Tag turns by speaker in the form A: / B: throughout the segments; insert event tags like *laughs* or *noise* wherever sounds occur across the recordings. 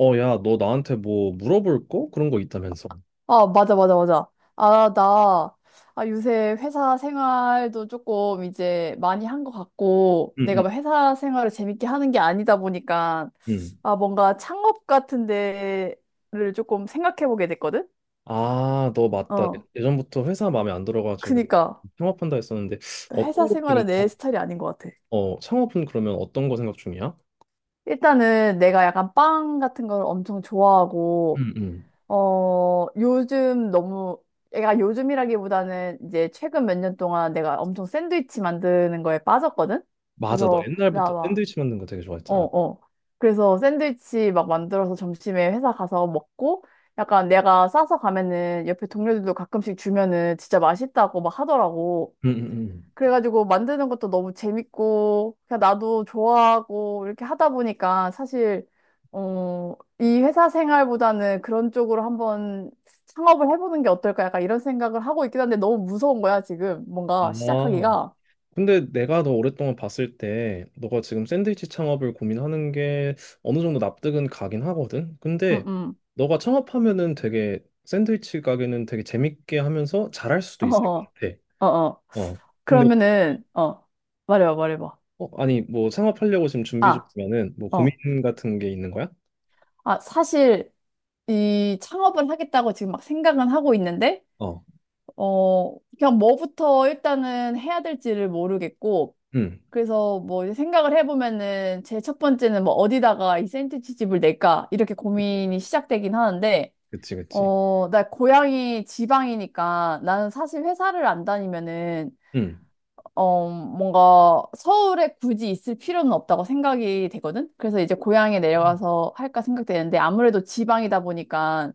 A: 야, 너 나한테 뭐 물어볼 거? 그런 거 있다면서.
B: 아, 맞아, 맞아, 맞아. 아, 나, 아, 요새 회사 생활도 조금 이제 많이 한 것 같고,
A: 응,
B: 내가
A: 응,
B: 막 회사 생활을 재밌게 하는 게 아니다 보니까,
A: 응.
B: 아, 뭔가 창업 같은 데를 조금 생각해 보게 됐거든?
A: 아, 너 맞다. 예,
B: 어.
A: 예전부터 회사 마음에 안 들어가지고
B: 그니까,
A: 창업한다 했었는데
B: 회사
A: 어떤 거 지금
B: 생활은 내 스타일이 아닌 것 같아.
A: 창업은 그러면 어떤 거 생각 중이야?
B: 일단은 내가 약간 빵 같은 걸 엄청 좋아하고,
A: 응, 응.
B: 어, 요즘 너무, 애가 요즘이라기보다는 이제 최근 몇 년 동안 내가 엄청 샌드위치 만드는 거에 빠졌거든?
A: 맞아, 너
B: 그래서, 나
A: 옛날부터
B: 막,
A: 샌드위치 만든 거 되게
B: 어,
A: 좋아했잖아.
B: 어. 그래서 샌드위치 막 만들어서 점심에 회사 가서 먹고, 약간 내가 싸서 가면은 옆에 동료들도 가끔씩 주면은 진짜 맛있다고 막 하더라고.
A: 응, 응,
B: 그래가지고 만드는 것도 너무 재밌고, 그냥 나도 좋아하고, 이렇게 하다 보니까 사실, 어, 이 회사 생활보다는 그런 쪽으로 한번 창업을 해보는 게 어떨까? 약간 이런 생각을 하고 있긴 한데 너무 무서운 거야, 지금.
A: 응.
B: 뭔가
A: 아,
B: 시작하기가.
A: 근데 내가 너 오랫동안 봤을 때 너가 지금 샌드위치 창업을 고민하는 게 어느 정도 납득은 가긴 하거든. 근데
B: 응응.
A: 너가 창업하면은 되게 샌드위치 가게는 되게 재밌게 하면서 잘할 수도
B: 어, *laughs*
A: 있을 것
B: 어,
A: 같아.
B: 어. 어.
A: 어. 근데
B: 그러면은, 어, 말해봐, 말해봐.
A: 아니 뭐 창업하려고 지금 준비
B: 아,
A: 중이면은 뭐 고민
B: 어.
A: 같은 게 있는 거야?
B: 아, 사실 이 창업을 하겠다고 지금 막 생각은 하고 있는데,
A: 어.
B: 그냥 뭐부터 일단은 해야 될지를 모르겠고,
A: 음.
B: 그래서 뭐 이제 생각을 해보면은 제 첫 번째는 뭐 어디다가 이 샌드위치 집을 낼까 이렇게 고민이 시작되긴 하는데
A: 그치, 그치.
B: 어, 나 고향이 지방이니까 나는 사실 회사를 안 다니면은
A: 음.
B: 어, 뭔가 서울에 굳이 있을 필요는 없다고 생각이 되거든? 그래서 이제 고향에 내려가서 할까 생각되는데 아무래도 지방이다 보니까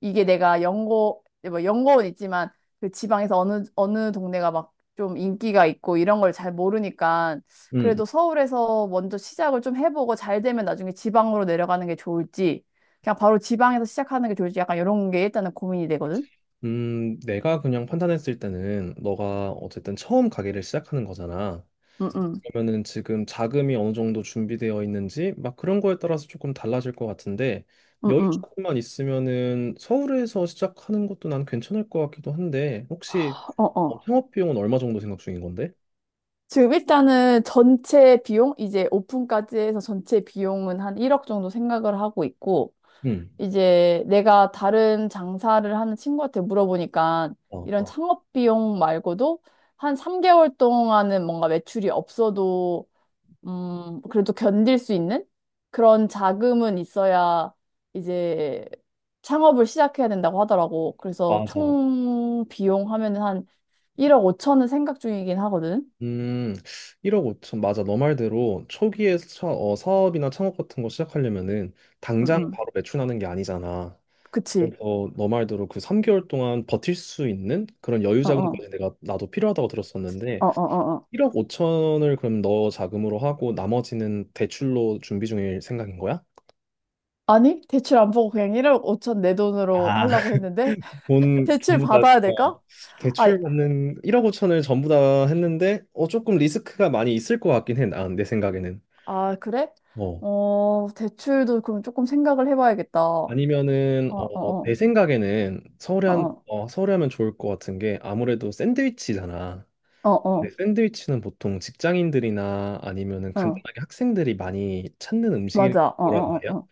B: 이게 내가 연고, 뭐 연고는 있지만 그 지방에서 어느, 어느 동네가 막 좀 인기가 있고 이런 걸 잘 모르니까
A: 음,
B: 그래도 서울에서 먼저 시작을 좀 해보고 잘 되면 나중에 지방으로 내려가는 게 좋을지 그냥 바로 지방에서 시작하는 게 좋을지 약간 이런 게 일단은 고민이 되거든?
A: 내가 그냥 판단했을 때는 너가 어쨌든 처음 가게를 시작하는 거잖아.
B: 응, 응,
A: 그러면은 지금 자금이 어느 정도 준비되어 있는지 막 그런 거에 따라서 조금 달라질 것 같은데
B: 응,
A: 여유
B: 응.
A: 조금만 있으면은 서울에서 시작하는 것도 난 괜찮을 것 같기도 한데 혹시
B: 어, 어.
A: 창업 비용은 얼마 정도 생각 중인 건데?
B: 지금 일단은 전체 비용, 이제 오픈까지 해서 전체 비용은 한 1억 정도 생각을 하고 있고,
A: 음.
B: 이제 내가 다른 장사를 하는 친구한테 물어보니까
A: 어,
B: 이런
A: 어.
B: 창업 비용 말고도 한 3개월 동안은 뭔가 매출이 없어도, 그래도 견딜 수 있는 그런 자금은 있어야 이제 창업을 시작해야 된다고 하더라고. 그래서
A: 맞아.
B: 총 비용 하면은 한 1억 5천은 생각 중이긴 하거든.
A: 음, 1억 5천 맞아. 너 말대로 초기에 사업이나 창업 같은 거 시작하려면은
B: 음,
A: 당장
B: 음.
A: 바로 매출하는 게 아니잖아.
B: 그치.
A: 그래서 너 말대로 그 3개월 동안 버틸 수 있는 그런 여유
B: 어, 어,
A: 자금까지 내가 나도 필요하다고 들었었는데
B: 어, 어, 어. 어.
A: 1억 5천을 그럼 너 자금으로 하고 나머지는 대출로 준비 중일 생각인 거야?
B: 아니, 대출 안 보고 그냥 1억 5천 내 돈으로
A: 아,
B: 하려고 했는데,
A: *laughs*
B: *laughs*
A: 돈
B: 대출
A: 전부 다
B: 받아야 될까? 아,
A: 대출 받는 1억 5천을 전부 다 했는데 조금 리스크가 많이 있을 것 같긴 해. 난 내 생각에는.
B: 아, 그래?
A: 어.
B: 어, 대출도 그럼 조금 생각을 해봐야겠다. 어,
A: 아니면은
B: 어,
A: 내
B: 어,
A: 생각에는
B: 어,
A: 서울에 하면 좋을 것 같은 게 아무래도 샌드위치잖아.
B: 어,
A: 네,
B: 어,
A: 샌드위치는 보통 직장인들이나 아니면은
B: 어, 어,
A: 간단하게 학생들이 많이 찾는 음식이란
B: 맞아. 어, 어,
A: 말이야.
B: 어,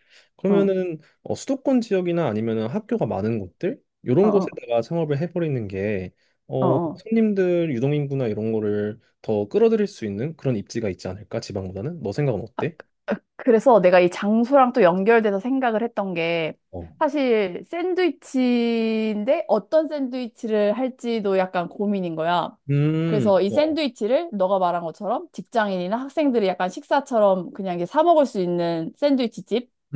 B: 어, 어,
A: 그러면은 수도권 지역이나 아니면은 학교가 많은 곳들
B: 어,
A: 이런
B: 어,
A: 곳에다가 창업을 해버리는 게
B: 어. 어.
A: 손님들 유동 인구나 이런 거를 더 끌어들일 수 있는 그런 입지가 있지 않을까 지방보다는? 너 생각은 어때?
B: 그래서 내가 이 장소랑 또 연결돼서 생각을 했던 게
A: 어.
B: 사실 샌드위치인데 어떤 샌드위치를 할지도 약간 고민인 거야. 그래서 이
A: 어, 어.
B: 샌드위치를 너가 말한 것처럼 직장인이나 학생들이 약간 식사처럼 그냥 이게 사 먹을 수 있는 샌드위치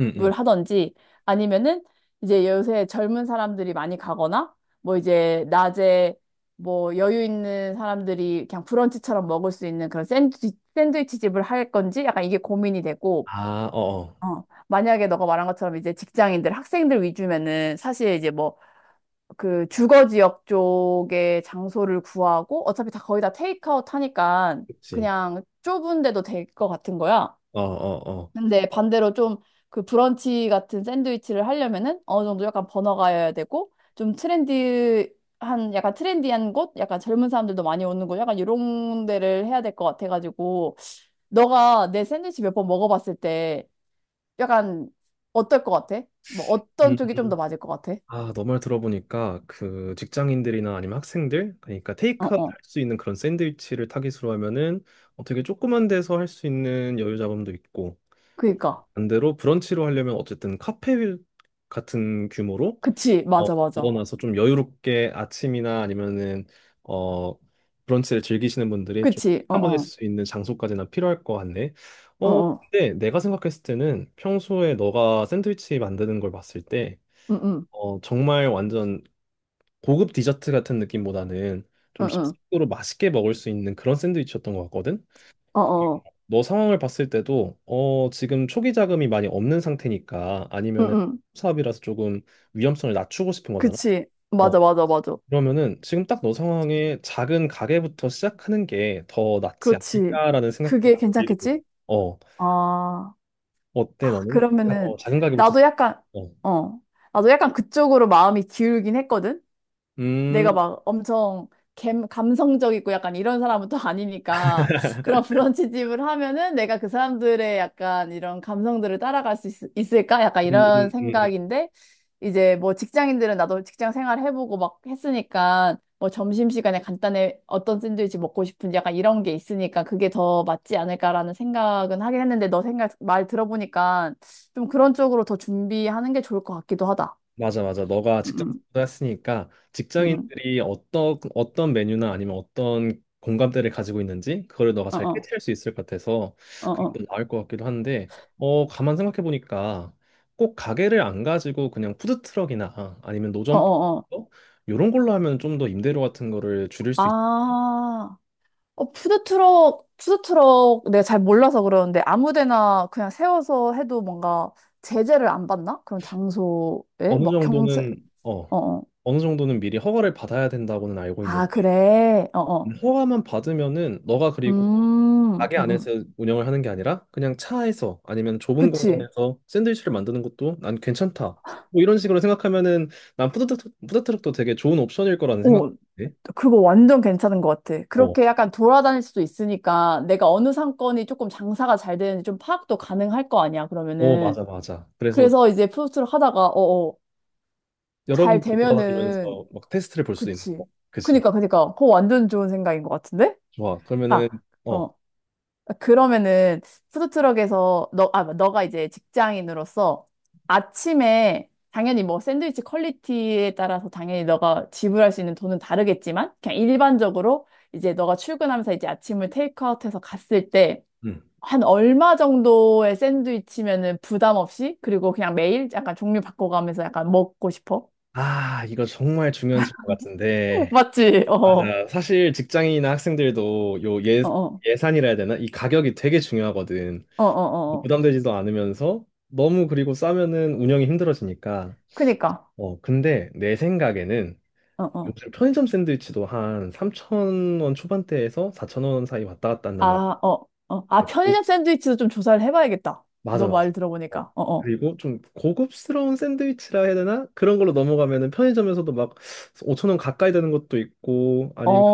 A: 음, 음.
B: 하던지 아니면은 이제 요새 젊은 사람들이 많이 가거나 뭐 이제 낮에 뭐 여유 있는 사람들이 그냥 브런치처럼 먹을 수 있는 그런 샌드위치 집을 할 건지 약간 이게 고민이 되고,
A: 아, 어, 어.
B: 어, 만약에 너가 말한 것처럼 이제 직장인들, 학생들 위주면은 사실 이제 뭐 그 주거 지역 쪽에 장소를 구하고 어차피 다 거의 다 테이크아웃 하니까
A: 그치.
B: 그냥 좁은 데도 될 것 같은 거야.
A: 어, 어, 어.
B: 근데 반대로 좀 그 브런치 같은 샌드위치를 하려면은 어느 정도 약간 번화가여야 되고 좀 트렌디한 약간 트렌디한 곳, 약간 젊은 사람들도 많이 오는 곳, 약간 이런 데를 해야 될 것 같아가지고 너가 내 샌드위치 몇 번 먹어봤을 때 약간 어떨 것 같아? 뭐 어떤 쪽이 좀 더 맞을 것 같아?
A: 아, 너말 들어보니까 그 직장인들이나 아니면 학생들 그러니까
B: 어
A: 테이크아웃 할
B: 어,
A: 수 있는 그런 샌드위치를 타깃으로 하면은 되게 조그만 데서 할 수 있는 여유 자금도 있고
B: 그니까,
A: 반대로 브런치로 하려면 어쨌든 카페 같은 규모로
B: 그치,
A: 어,
B: 맞아 맞아,
A: 모아놔서 좀 여유롭게 아침이나 아니면은 어 브런치를 즐기시는 분들이 좀
B: 그치, 어
A: 한번 할
B: 어,
A: 수 있는 장소까지나 필요할 것 같네. 어,
B: 어어,
A: 근데 내가 생각했을 때는 평소에 너가 샌드위치 만드는 걸 봤을 때
B: 응응,
A: 정말 완전 고급 디저트 같은 느낌보다는 좀
B: 응응,
A: 식으로 맛있게 먹을 수 있는 그런 샌드위치였던 것 같거든. 그리고
B: 어어,
A: 너 상황을 봤을 때도 지금 초기 자금이 많이 없는 상태니까 아니면은
B: 응응,
A: 사업이라서 조금 위험성을 낮추고 싶은 거잖아.
B: 그치,
A: 어
B: 맞아 맞아 맞아.
A: 그러면은 지금 딱 너 상황에 작은 가게부터 시작하는 게 더 낫지
B: 그렇지.
A: 않을까라는 생각도
B: 그게
A: 나 들고.
B: 괜찮겠지?
A: 어
B: 아,
A: 어때 너는?
B: 그러면은,
A: 작은 가게부터.
B: 나도 약간,
A: 어.
B: 어, 나도 약간 그쪽으로 마음이 기울긴 했거든?
A: 음,
B: 내가
A: 음,
B: 막 엄청 감성적이고 약간 이런 사람은 또 아니니까 그런 브런치집을 하면은 내가 그 사람들의 약간 이런 감성들을 따라갈 수 을까 약간
A: 음,
B: 이런
A: 음, 음.
B: 생각인데 이제 뭐 직장인들은 나도 직장 생활 해보고 막 했으니까 뭐 점심시간에 간단히 어떤 샌드위치 먹고 싶은지 약간 이런 게 있으니까 그게 더 맞지 않을까라는 생각은 하긴 했는데 너 생각 말 들어보니까 좀 그런 쪽으로 더 준비하는 게 좋을 것 같기도 하다.
A: 맞아, 맞아. 너가
B: 음, 음,
A: 직장생활도 했으니까
B: 음, 음.
A: 직장인들이 어떤 어떤 메뉴나 아니면 어떤 공감대를 가지고 있는지 그거를 너가
B: 어,
A: 잘
B: 어,
A: 캐치할 수 있을 것 같아서
B: 어,
A: 그게
B: 어.
A: 더 나을 것 같기도 한데, 가만 생각해 보니까 꼭 가게를 안 가지고 그냥 푸드 트럭이나 아니면 노점
B: 어어어.
A: 이런 걸로 하면 좀 더 임대료 같은 거를 줄일 수 있.
B: 아, 어, 푸드트럭 내가 잘 몰라서 그러는데 아무 데나 그냥 세워서 해도 뭔가 제재를 안 받나? 그런 장소에?
A: 어느
B: 막 경찰,
A: 정도는 어
B: 어어.
A: 미리 허가를 받아야 된다고는 알고
B: 아,
A: 있는데.
B: 그래. 어어.
A: 허가만 받으면은 너가 그리고
B: 음, 음,
A: 가게
B: 음.
A: 안에서 운영을 하는 게 아니라 그냥 차에서 아니면 좁은
B: 그치.
A: 공간에서 샌드위치를 만드는 것도 난 괜찮다. 뭐 이런 식으로 생각하면은 난 푸드트럭도 되게 좋은 옵션일 거라는
B: 어,
A: 생각인데.
B: 그거 완전 괜찮은 것 같아.
A: 어,
B: 그렇게 약간 돌아다닐 수도 있으니까 내가 어느 상권이 조금 장사가 잘 되는지 좀 파악도 가능할 거 아니야,
A: 어,
B: 그러면은.
A: 맞아, 맞아. 그래서
B: 그래서 이제 푸드트럭 하다가, 어어. 잘
A: 여러분들
B: 되면은
A: 돌아다니면서 막 테스트를 볼 수도 있는
B: 그치.
A: 거고. 그치
B: 그니까, 그니까. 그거 완전 좋은 생각인 것 같은데?
A: 좋아. 그러면은,
B: 아,
A: 어,
B: 어. 그러면은, 푸드트럭에서, 너, 아, 너가 이제 직장인으로서 아침에 당연히 뭐 샌드위치 퀄리티에 따라서 당연히 너가 지불할 수 있는 돈은 다르겠지만, 그냥 일반적으로 이제 너가 출근하면서 이제 아침을 테이크아웃해서 갔을 때,
A: 음.
B: 한 얼마 정도의 샌드위치면은 부담 없이, 그리고 그냥 매일 약간 종류 바꿔가면서 약간 먹고 싶어?
A: 아, 이거 정말 중요한 질문
B: *laughs*
A: 같은데.
B: 맞지? 어, 어,
A: 맞아. 사실 직장인이나 학생들도
B: 어,
A: 예산이라 해야 되나? 이 가격이 되게 중요하거든.
B: 어, 어. 어.
A: 부담되지도 않으면서 너무 그리고 싸면은 운영이 힘들어지니까.
B: 그니까.
A: 근데 내 생각에는
B: 어, 어.
A: 요즘 편의점 샌드위치도 한3천 원 초반대에서 4천 원 사이 왔다 갔다
B: 아,
A: 한단 말이야.
B: 어, 어. 아,
A: 오,
B: 편의점 샌드위치도 좀 조사를 해봐야겠다.
A: 맞아,
B: 너
A: 맞아.
B: 말
A: 어,
B: 들어보니까. 어, 어.
A: 그리고 좀 고급스러운 샌드위치라 해야 되나? 그런 걸로 넘어가면은 편의점에서도 막5천 원 가까이 되는 것도 있고
B: 어,
A: 아니면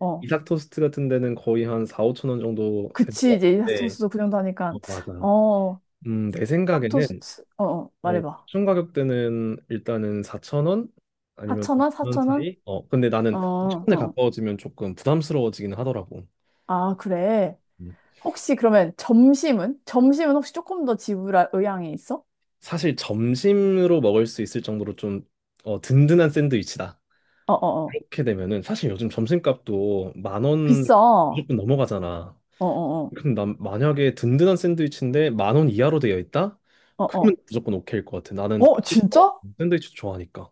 B: 어.
A: 이삭 토스트 같은 데는 거의 한 4, 5천 원 정도 되는
B: 그치,
A: 것
B: 이제 이
A: 같은데.
B: 토스도 그 정도
A: 어,
B: 하니까.
A: 맞아.
B: 어,
A: 내
B: 짝
A: 생각에는
B: 토스트. 어, 어. 말해봐.
A: 옵션 가격대는 일단은 4,000원 아니면
B: 4,000원?
A: 5,000원
B: 4,000원?
A: 사이? 근데
B: 어,
A: 나는 5천 원에
B: 어.
A: 가까워지면 조금 부담스러워지긴 하더라고.
B: 아, 그래.
A: 음.
B: 혹시 그러면 점심은? 점심은 혹시 조금 더 지불할 의향이 있어?
A: 사실 점심으로 먹을 수 있을 정도로 좀 든든한 샌드위치다.
B: 어, 어, 어.
A: 이렇게 되면은 사실 요즘 점심값도 만 원
B: 비싸. 어,
A: 무조건 넘어가잖아.
B: 어, 어.
A: 근데 난 만약에 든든한 샌드위치인데 만 원 이하로 되어 있다?
B: 어, 어.
A: 그러면 무조건 오케이일 것 같아. 나는
B: 어, 진짜?
A: 샌드위치 좋아하니까.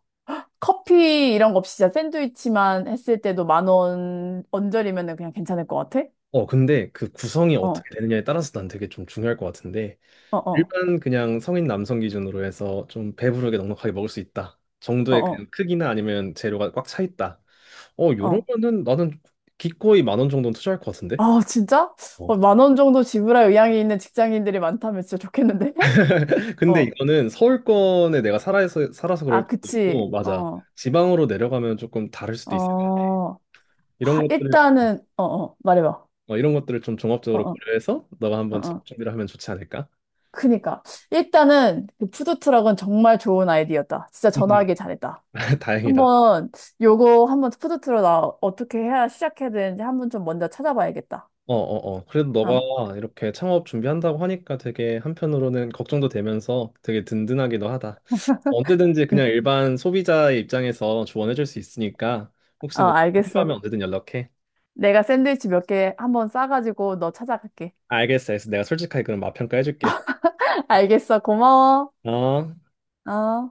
B: 커피 이런 거 없이 진짜 샌드위치만 했을 때도 만 원 언저리면은 그냥 괜찮을 것 같아?
A: 근데 그 구성이
B: 어,
A: 어떻게 되느냐에 따라서 난 되게 좀 중요할 것 같은데
B: 어, 어,
A: 일반 그냥 성인 남성 기준으로 해서 좀 배부르게 넉넉하게 먹을 수 있다
B: 어,
A: 정도의
B: 어,
A: 그냥 크기나 아니면 재료가 꽉 차 있다. 요런
B: 어.
A: 거는 나는 기꺼이 만 원 정도는 투자할 것 같은데.
B: 아, 진짜?
A: 어.
B: 어, 만 원 정도 지불할 의향이 있는 직장인들이 많다면 진짜 좋겠는데? *laughs*
A: *laughs* 근데
B: 어,
A: 이거는 서울권에 내가 살아서 그럴
B: 아,
A: 수도
B: 그치.
A: 있고 맞아.
B: 어,
A: 지방으로 내려가면 조금 다를 수도 있을 것 같아.
B: 어.
A: 이런 것들을
B: 어, 어, 말해봐.
A: 이런 것들을 좀
B: 어,
A: 종합적으로
B: 어,
A: 고려해서 너가
B: 어,
A: 한번 작업
B: 어.
A: 준비를 하면 좋지 않을까?
B: 그니까. 일단은 그 푸드트럭은 정말 좋은 아이디어다. 진짜
A: 음.
B: 전화하길 잘했다.
A: *laughs* 다행이다.
B: 한번 요거 한번 푸드트럭 나 어떻게 해야 시작해야 되는지 한번 좀 먼저 찾아봐야겠다.
A: 어, 어, 어. 그래도
B: 어,
A: 너가 이렇게 창업 준비한다고 하니까 되게 한편으로는 걱정도 되면서 되게 든든하기도 하다. 언제든지 그냥
B: 음,
A: 일반 소비자의 입장에서 조언해줄 수 있으니까 혹시
B: 어,
A: 뭐
B: 알겠어.
A: 필요하면 언제든 연락해.
B: 내가 샌드위치 몇 개 한번 싸가지고 너 찾아갈게.
A: 알겠어, 알겠어. 내가 솔직하게 그럼 맛 평가해줄게.
B: *laughs* 알겠어. 고마워.
A: 어.
B: 어.